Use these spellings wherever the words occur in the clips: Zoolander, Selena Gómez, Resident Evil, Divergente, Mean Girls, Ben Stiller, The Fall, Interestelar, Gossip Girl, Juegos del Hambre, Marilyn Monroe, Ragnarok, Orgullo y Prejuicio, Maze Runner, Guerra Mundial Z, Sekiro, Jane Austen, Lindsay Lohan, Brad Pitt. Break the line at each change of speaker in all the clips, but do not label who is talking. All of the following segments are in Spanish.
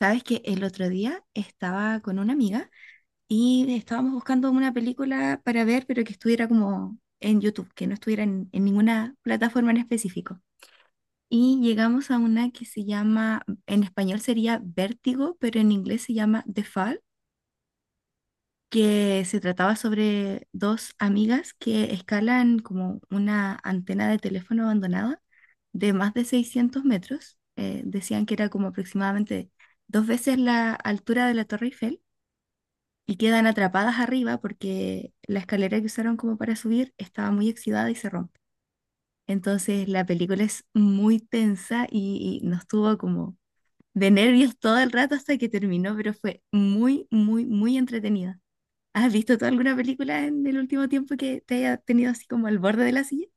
Sabes que el otro día estaba con una amiga y estábamos buscando una película para ver, pero que estuviera como en YouTube, que no estuviera en ninguna plataforma en específico. Y llegamos a una que se llama, en español sería Vértigo, pero en inglés se llama The Fall, que se trataba sobre dos amigas que escalan como una antena de teléfono abandonada de más de 600 metros. Decían que era como aproximadamente dos veces la altura de la Torre Eiffel y quedan atrapadas arriba porque la escalera que usaron como para subir estaba muy oxidada y se rompe. Entonces la película es muy tensa y nos tuvo como de nervios todo el rato hasta que terminó, pero fue muy, muy, muy entretenida. ¿Has visto tú alguna película en el último tiempo que te haya tenido así como al borde de la silla?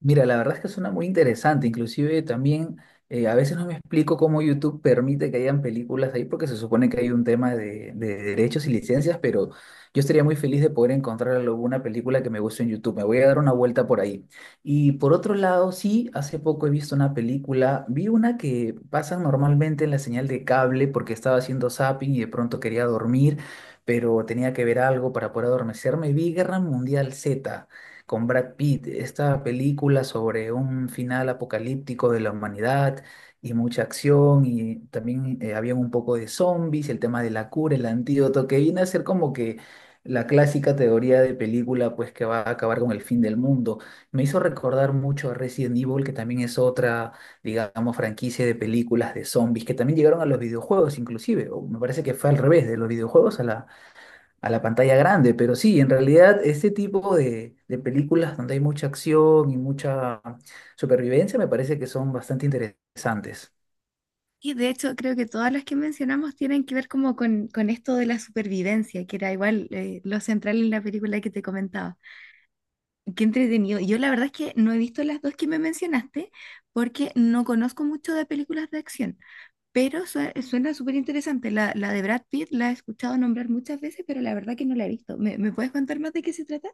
Mira, la verdad es que suena muy interesante. Inclusive también a veces no me explico cómo YouTube permite que hayan películas ahí porque se supone que hay un tema de derechos y licencias, pero yo estaría muy feliz de poder encontrar alguna película que me guste en YouTube. Me voy a dar una vuelta por ahí. Y por otro lado, sí, hace poco he visto una película, vi una que pasan normalmente en la señal de cable porque estaba haciendo zapping y de pronto quería dormir, pero tenía que ver algo para poder adormecerme. Vi Guerra Mundial Z con Brad Pitt, esta película sobre un final apocalíptico de la humanidad y mucha acción y también había un poco de zombies, el tema de la cura, el antídoto, que viene a ser como que la clásica teoría de película pues que va a acabar con el fin del mundo. Me hizo recordar mucho a Resident Evil, que también es otra, digamos, franquicia de películas de zombies, que también llegaron a los videojuegos inclusive, o me parece que fue al revés, de los videojuegos a la pantalla grande, pero sí, en realidad este tipo de películas donde hay mucha acción y mucha supervivencia me parece que son bastante interesantes.
Y de hecho creo que todas las que mencionamos tienen que ver como con esto de la supervivencia, que era igual lo central en la película que te comentaba. Qué entretenido. Yo la verdad es que no he visto las dos que me mencionaste porque no conozco mucho de películas de acción, pero suena súper interesante. La de Brad Pitt la he escuchado nombrar muchas veces, pero la verdad que no la he visto. ¿Me puedes contar más de qué se trata?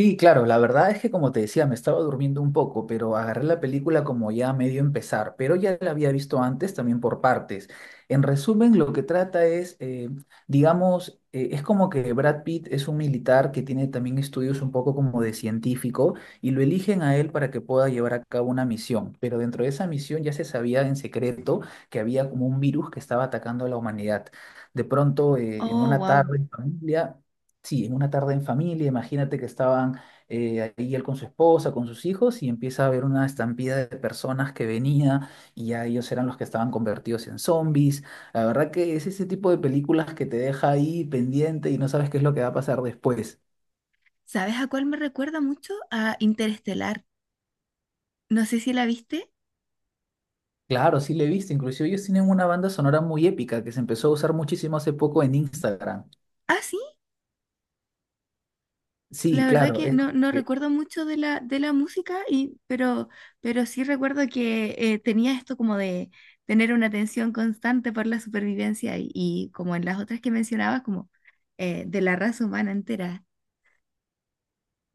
Y claro, la verdad es que como te decía, me estaba durmiendo un poco, pero agarré la película como ya a medio empezar, pero ya la había visto antes también por partes. En resumen, lo que trata es, digamos, es como que Brad Pitt es un militar que tiene también estudios un poco como de científico y lo eligen a él para que pueda llevar a cabo una misión, pero dentro de esa misión ya se sabía en secreto que había como un virus que estaba atacando a la humanidad. De pronto, en
Oh,
una
wow.
tarde en familia, sí, en una tarde en familia, imagínate que estaban ahí él con su esposa, con sus hijos, y empieza a haber una estampida de personas que venía y ya ellos eran los que estaban convertidos en zombies. La verdad que es ese tipo de películas que te deja ahí pendiente y no sabes qué es lo que va a pasar después.
¿Sabes a cuál me recuerda mucho? A Interestelar. No sé si la viste.
Claro, sí le he visto, inclusive ellos tienen una banda sonora muy épica que se empezó a usar muchísimo hace poco en Instagram.
Ah, sí.
Sí,
La verdad
claro,
que
es...
no, no recuerdo mucho de la música, y, pero sí recuerdo que tenía esto como de tener una atención constante por la supervivencia y como en las otras que mencionabas, como de la raza humana entera.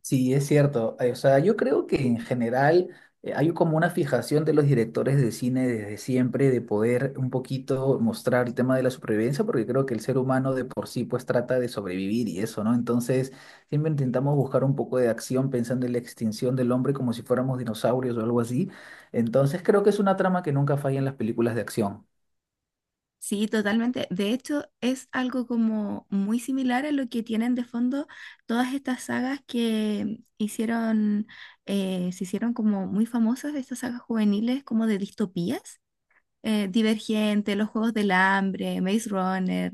Sí, es cierto. O sea, yo creo que en general hay como una fijación de los directores de cine desde siempre de poder un poquito mostrar el tema de la supervivencia, porque creo que el ser humano de por sí pues trata de sobrevivir y eso, ¿no? Entonces, siempre intentamos buscar un poco de acción pensando en la extinción del hombre como si fuéramos dinosaurios o algo así. Entonces, creo que es una trama que nunca falla en las películas de acción.
Sí, totalmente. De hecho, es algo como muy similar a lo que tienen de fondo todas estas sagas que hicieron, se hicieron como muy famosas, estas sagas juveniles como de distopías, Divergente, los Juegos del Hambre, Maze Runner.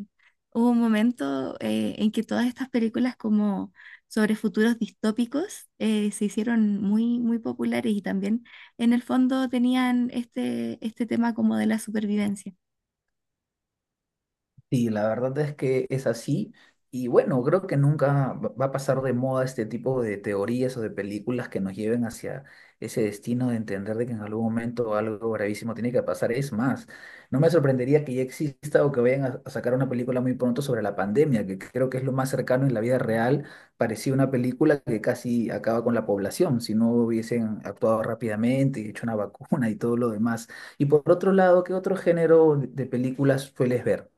Hubo un momento en que todas estas películas como sobre futuros distópicos se hicieron muy, muy populares y también en el fondo tenían este tema como de la supervivencia.
Sí, la verdad es que es así. Y bueno, creo que nunca va a pasar de moda este tipo de teorías o de películas que nos lleven hacia ese destino de entender de que en algún momento algo gravísimo tiene que pasar. Es más, no me sorprendería que ya exista o que vayan a sacar una película muy pronto sobre la pandemia, que creo que es lo más cercano en la vida real. Parecía una película que casi acaba con la población, si no hubiesen actuado rápidamente y hecho una vacuna y todo lo demás. Y por otro lado, ¿qué otro género de películas sueles ver?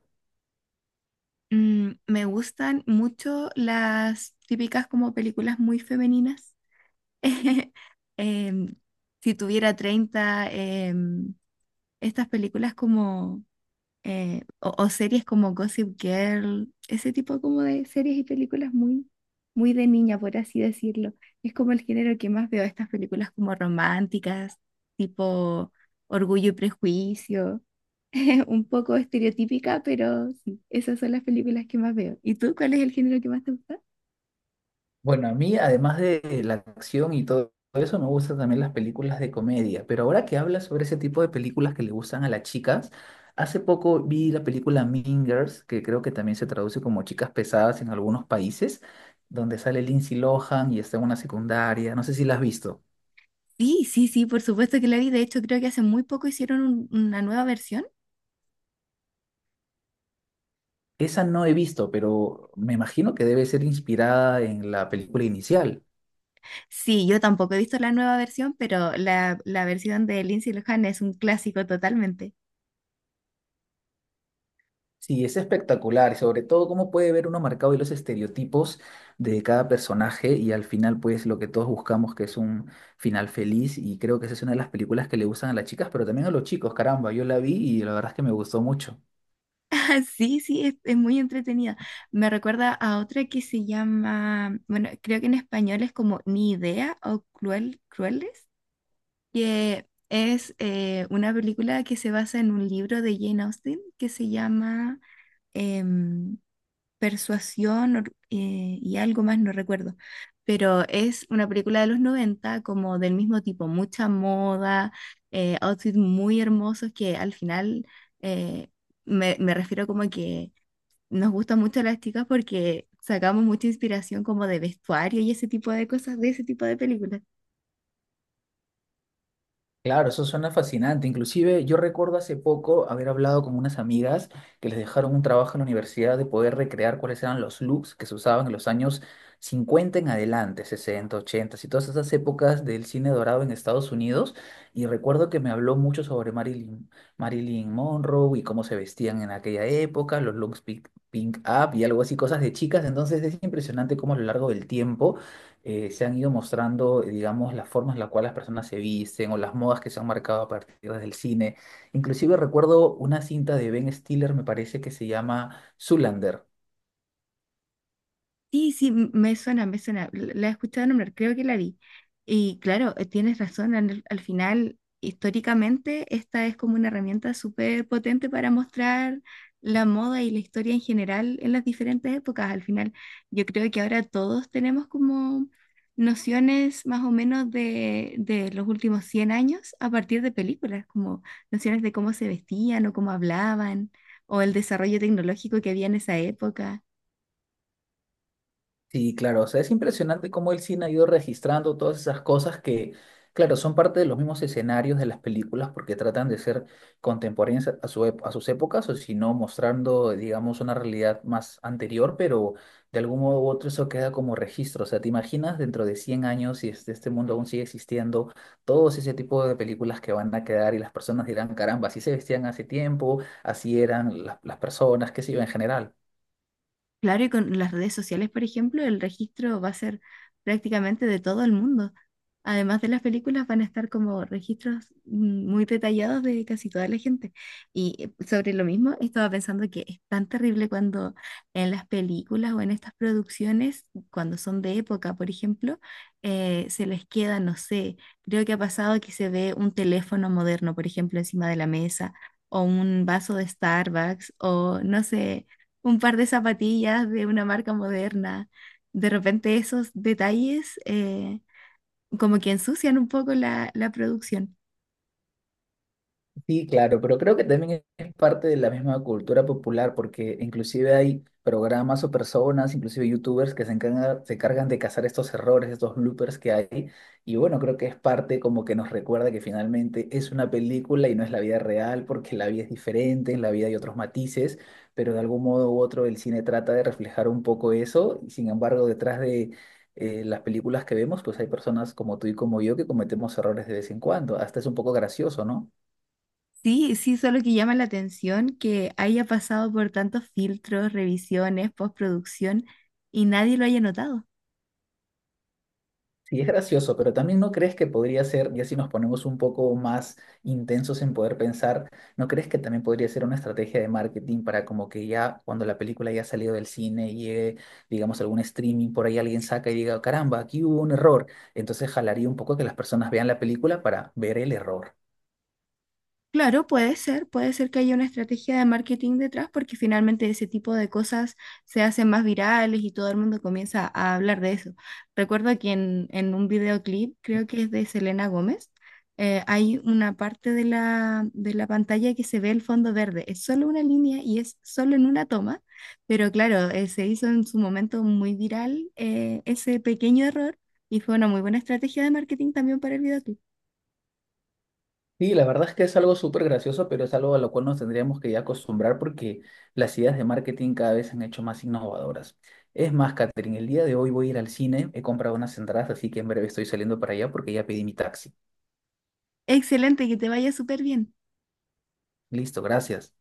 Mm, me gustan mucho las típicas como películas muy femeninas. Em, si tuviera 30, estas películas como o series como Gossip Girl, ese tipo como de series y películas muy, muy de niña, por así decirlo. Es como el género que más veo, estas películas como románticas, tipo Orgullo y Prejuicio, un poco estereotípica, pero sí, esas son las películas que más veo. ¿Y tú cuál es el género que más te gusta?
Bueno, a mí, además de la acción y todo eso, me gustan también las películas de comedia. Pero ahora que hablas sobre ese tipo de películas que le gustan a las chicas, hace poco vi la película Mean Girls, que creo que también se traduce como Chicas Pesadas en algunos países, donde sale Lindsay Lohan y está en una secundaria. No sé si la has visto.
Sí, sí, sí, por supuesto que la vi. De hecho, creo que hace muy poco hicieron una nueva versión.
Esa no he visto, pero me imagino que debe ser inspirada en la película inicial.
Sí, yo tampoco he visto la nueva versión, pero la versión de Lindsay Lohan es un clásico totalmente.
Sí, es espectacular, y sobre todo cómo puede ver uno marcado y los estereotipos de cada personaje y al final pues lo que todos buscamos que es un final feliz y creo que esa es una de las películas que le gustan a las chicas, pero también a los chicos, caramba, yo la vi y la verdad es que me gustó mucho.
Sí, sí, es muy entretenida. Me recuerda a otra que se llama, bueno, creo que en español es como Ni Idea o Cruel, Crueles, que es una película que se basa en un libro de Jane Austen que se llama em, Persuasión y algo más, no recuerdo. Pero es una película de los 90 como del mismo tipo, mucha moda, outfits muy hermosos que al final, eh, me refiero como que nos gustan mucho las chicas porque sacamos mucha inspiración como de vestuario y ese tipo de cosas, de ese tipo de películas.
Claro, eso suena fascinante. Inclusive yo recuerdo hace poco haber hablado con unas amigas que les dejaron un trabajo en la universidad de poder recrear cuáles eran los looks que se usaban en los años 50 en adelante, 60, 80, y todas esas épocas del cine dorado en Estados Unidos. Y recuerdo que me habló mucho sobre Marilyn, Marilyn Monroe y cómo se vestían en aquella época, los looks pink, pink up y algo así, cosas de chicas. Entonces es impresionante cómo a lo largo del tiempo se han ido mostrando, digamos, las formas en las cuales las personas se visten o las modas que se han marcado a partir del cine. Inclusive recuerdo una cinta de Ben Stiller, me parece que se llama Zoolander.
Sí, sí, me suena, me suena. La he escuchado nombrar, creo que la vi. Y claro, tienes razón, al final, históricamente, esta es como una herramienta súper potente para mostrar la moda y la historia en general en las diferentes épocas. Al final, yo creo que ahora todos tenemos como nociones más o menos de los últimos 100 años a partir de películas, como nociones de cómo se vestían o cómo hablaban, o el desarrollo tecnológico que había en esa época.
Sí, claro, o sea, es impresionante cómo el cine ha ido registrando todas esas cosas que, claro, son parte de los mismos escenarios de las películas porque tratan de ser contemporáneas a su, ep- a sus épocas o si no, mostrando, digamos, una realidad más anterior, pero de algún modo u otro eso queda como registro. O sea, ¿te imaginas dentro de 100 años si este, este mundo aún sigue existiendo, todos ese tipo de películas que van a quedar y las personas dirán, caramba, así se vestían hace tiempo, así eran las personas, qué sé yo, en general?
Claro, y con las redes sociales, por ejemplo, el registro va a ser prácticamente de todo el mundo. Además de las películas, van a estar como registros muy detallados de casi toda la gente. Y sobre lo mismo, estaba pensando que es tan terrible cuando en las películas o en estas producciones, cuando son de época, por ejemplo, se les queda, no sé, creo que ha pasado que se ve un teléfono moderno, por ejemplo, encima de la mesa, o un vaso de Starbucks, o no sé, un par de zapatillas de una marca moderna. De repente esos detalles, como que ensucian un poco la producción.
Sí, claro, pero creo que también es parte de la misma cultura popular, porque inclusive hay programas o personas, inclusive youtubers, que se encargan de cazar estos errores, estos bloopers que hay. Y bueno, creo que es parte como que nos recuerda que finalmente es una película y no es la vida real, porque la vida es diferente, en la vida hay otros matices, pero de algún modo u otro el cine trata de reflejar un poco eso. Y sin embargo, detrás de... las películas que vemos, pues hay personas como tú y como yo que cometemos errores de vez en cuando. Hasta es un poco gracioso, ¿no?
Sí, sí, solo que llama la atención que haya pasado por tantos filtros, revisiones, postproducción y nadie lo haya notado.
Sí, es gracioso, pero también no crees que podría ser, ya si nos ponemos un poco más intensos en poder pensar, ¿no crees que también podría ser una estrategia de marketing para como que ya cuando la película ya ha salido del cine y llegue, digamos, algún streaming, por ahí alguien saca y diga, caramba, aquí hubo un error? Entonces jalaría un poco que las personas vean la película para ver el error.
Claro, puede ser que haya una estrategia de marketing detrás porque finalmente ese tipo de cosas se hacen más virales y todo el mundo comienza a hablar de eso. Recuerdo que en un videoclip, creo que es de Selena Gómez, hay una parte de la pantalla que se ve el fondo verde. Es solo una línea y es solo en una toma, pero claro, se hizo en su momento muy viral, ese pequeño error y fue una muy buena estrategia de marketing también para el videoclip.
Sí, la verdad es que es algo súper gracioso, pero es algo a lo cual nos tendríamos que ya acostumbrar porque las ideas de marketing cada vez se han hecho más innovadoras. Es más, Catherine, el día de hoy voy a ir al cine, he comprado unas entradas, así que en breve estoy saliendo para allá porque ya pedí mi taxi.
Excelente, que te vaya súper bien.
Listo, gracias.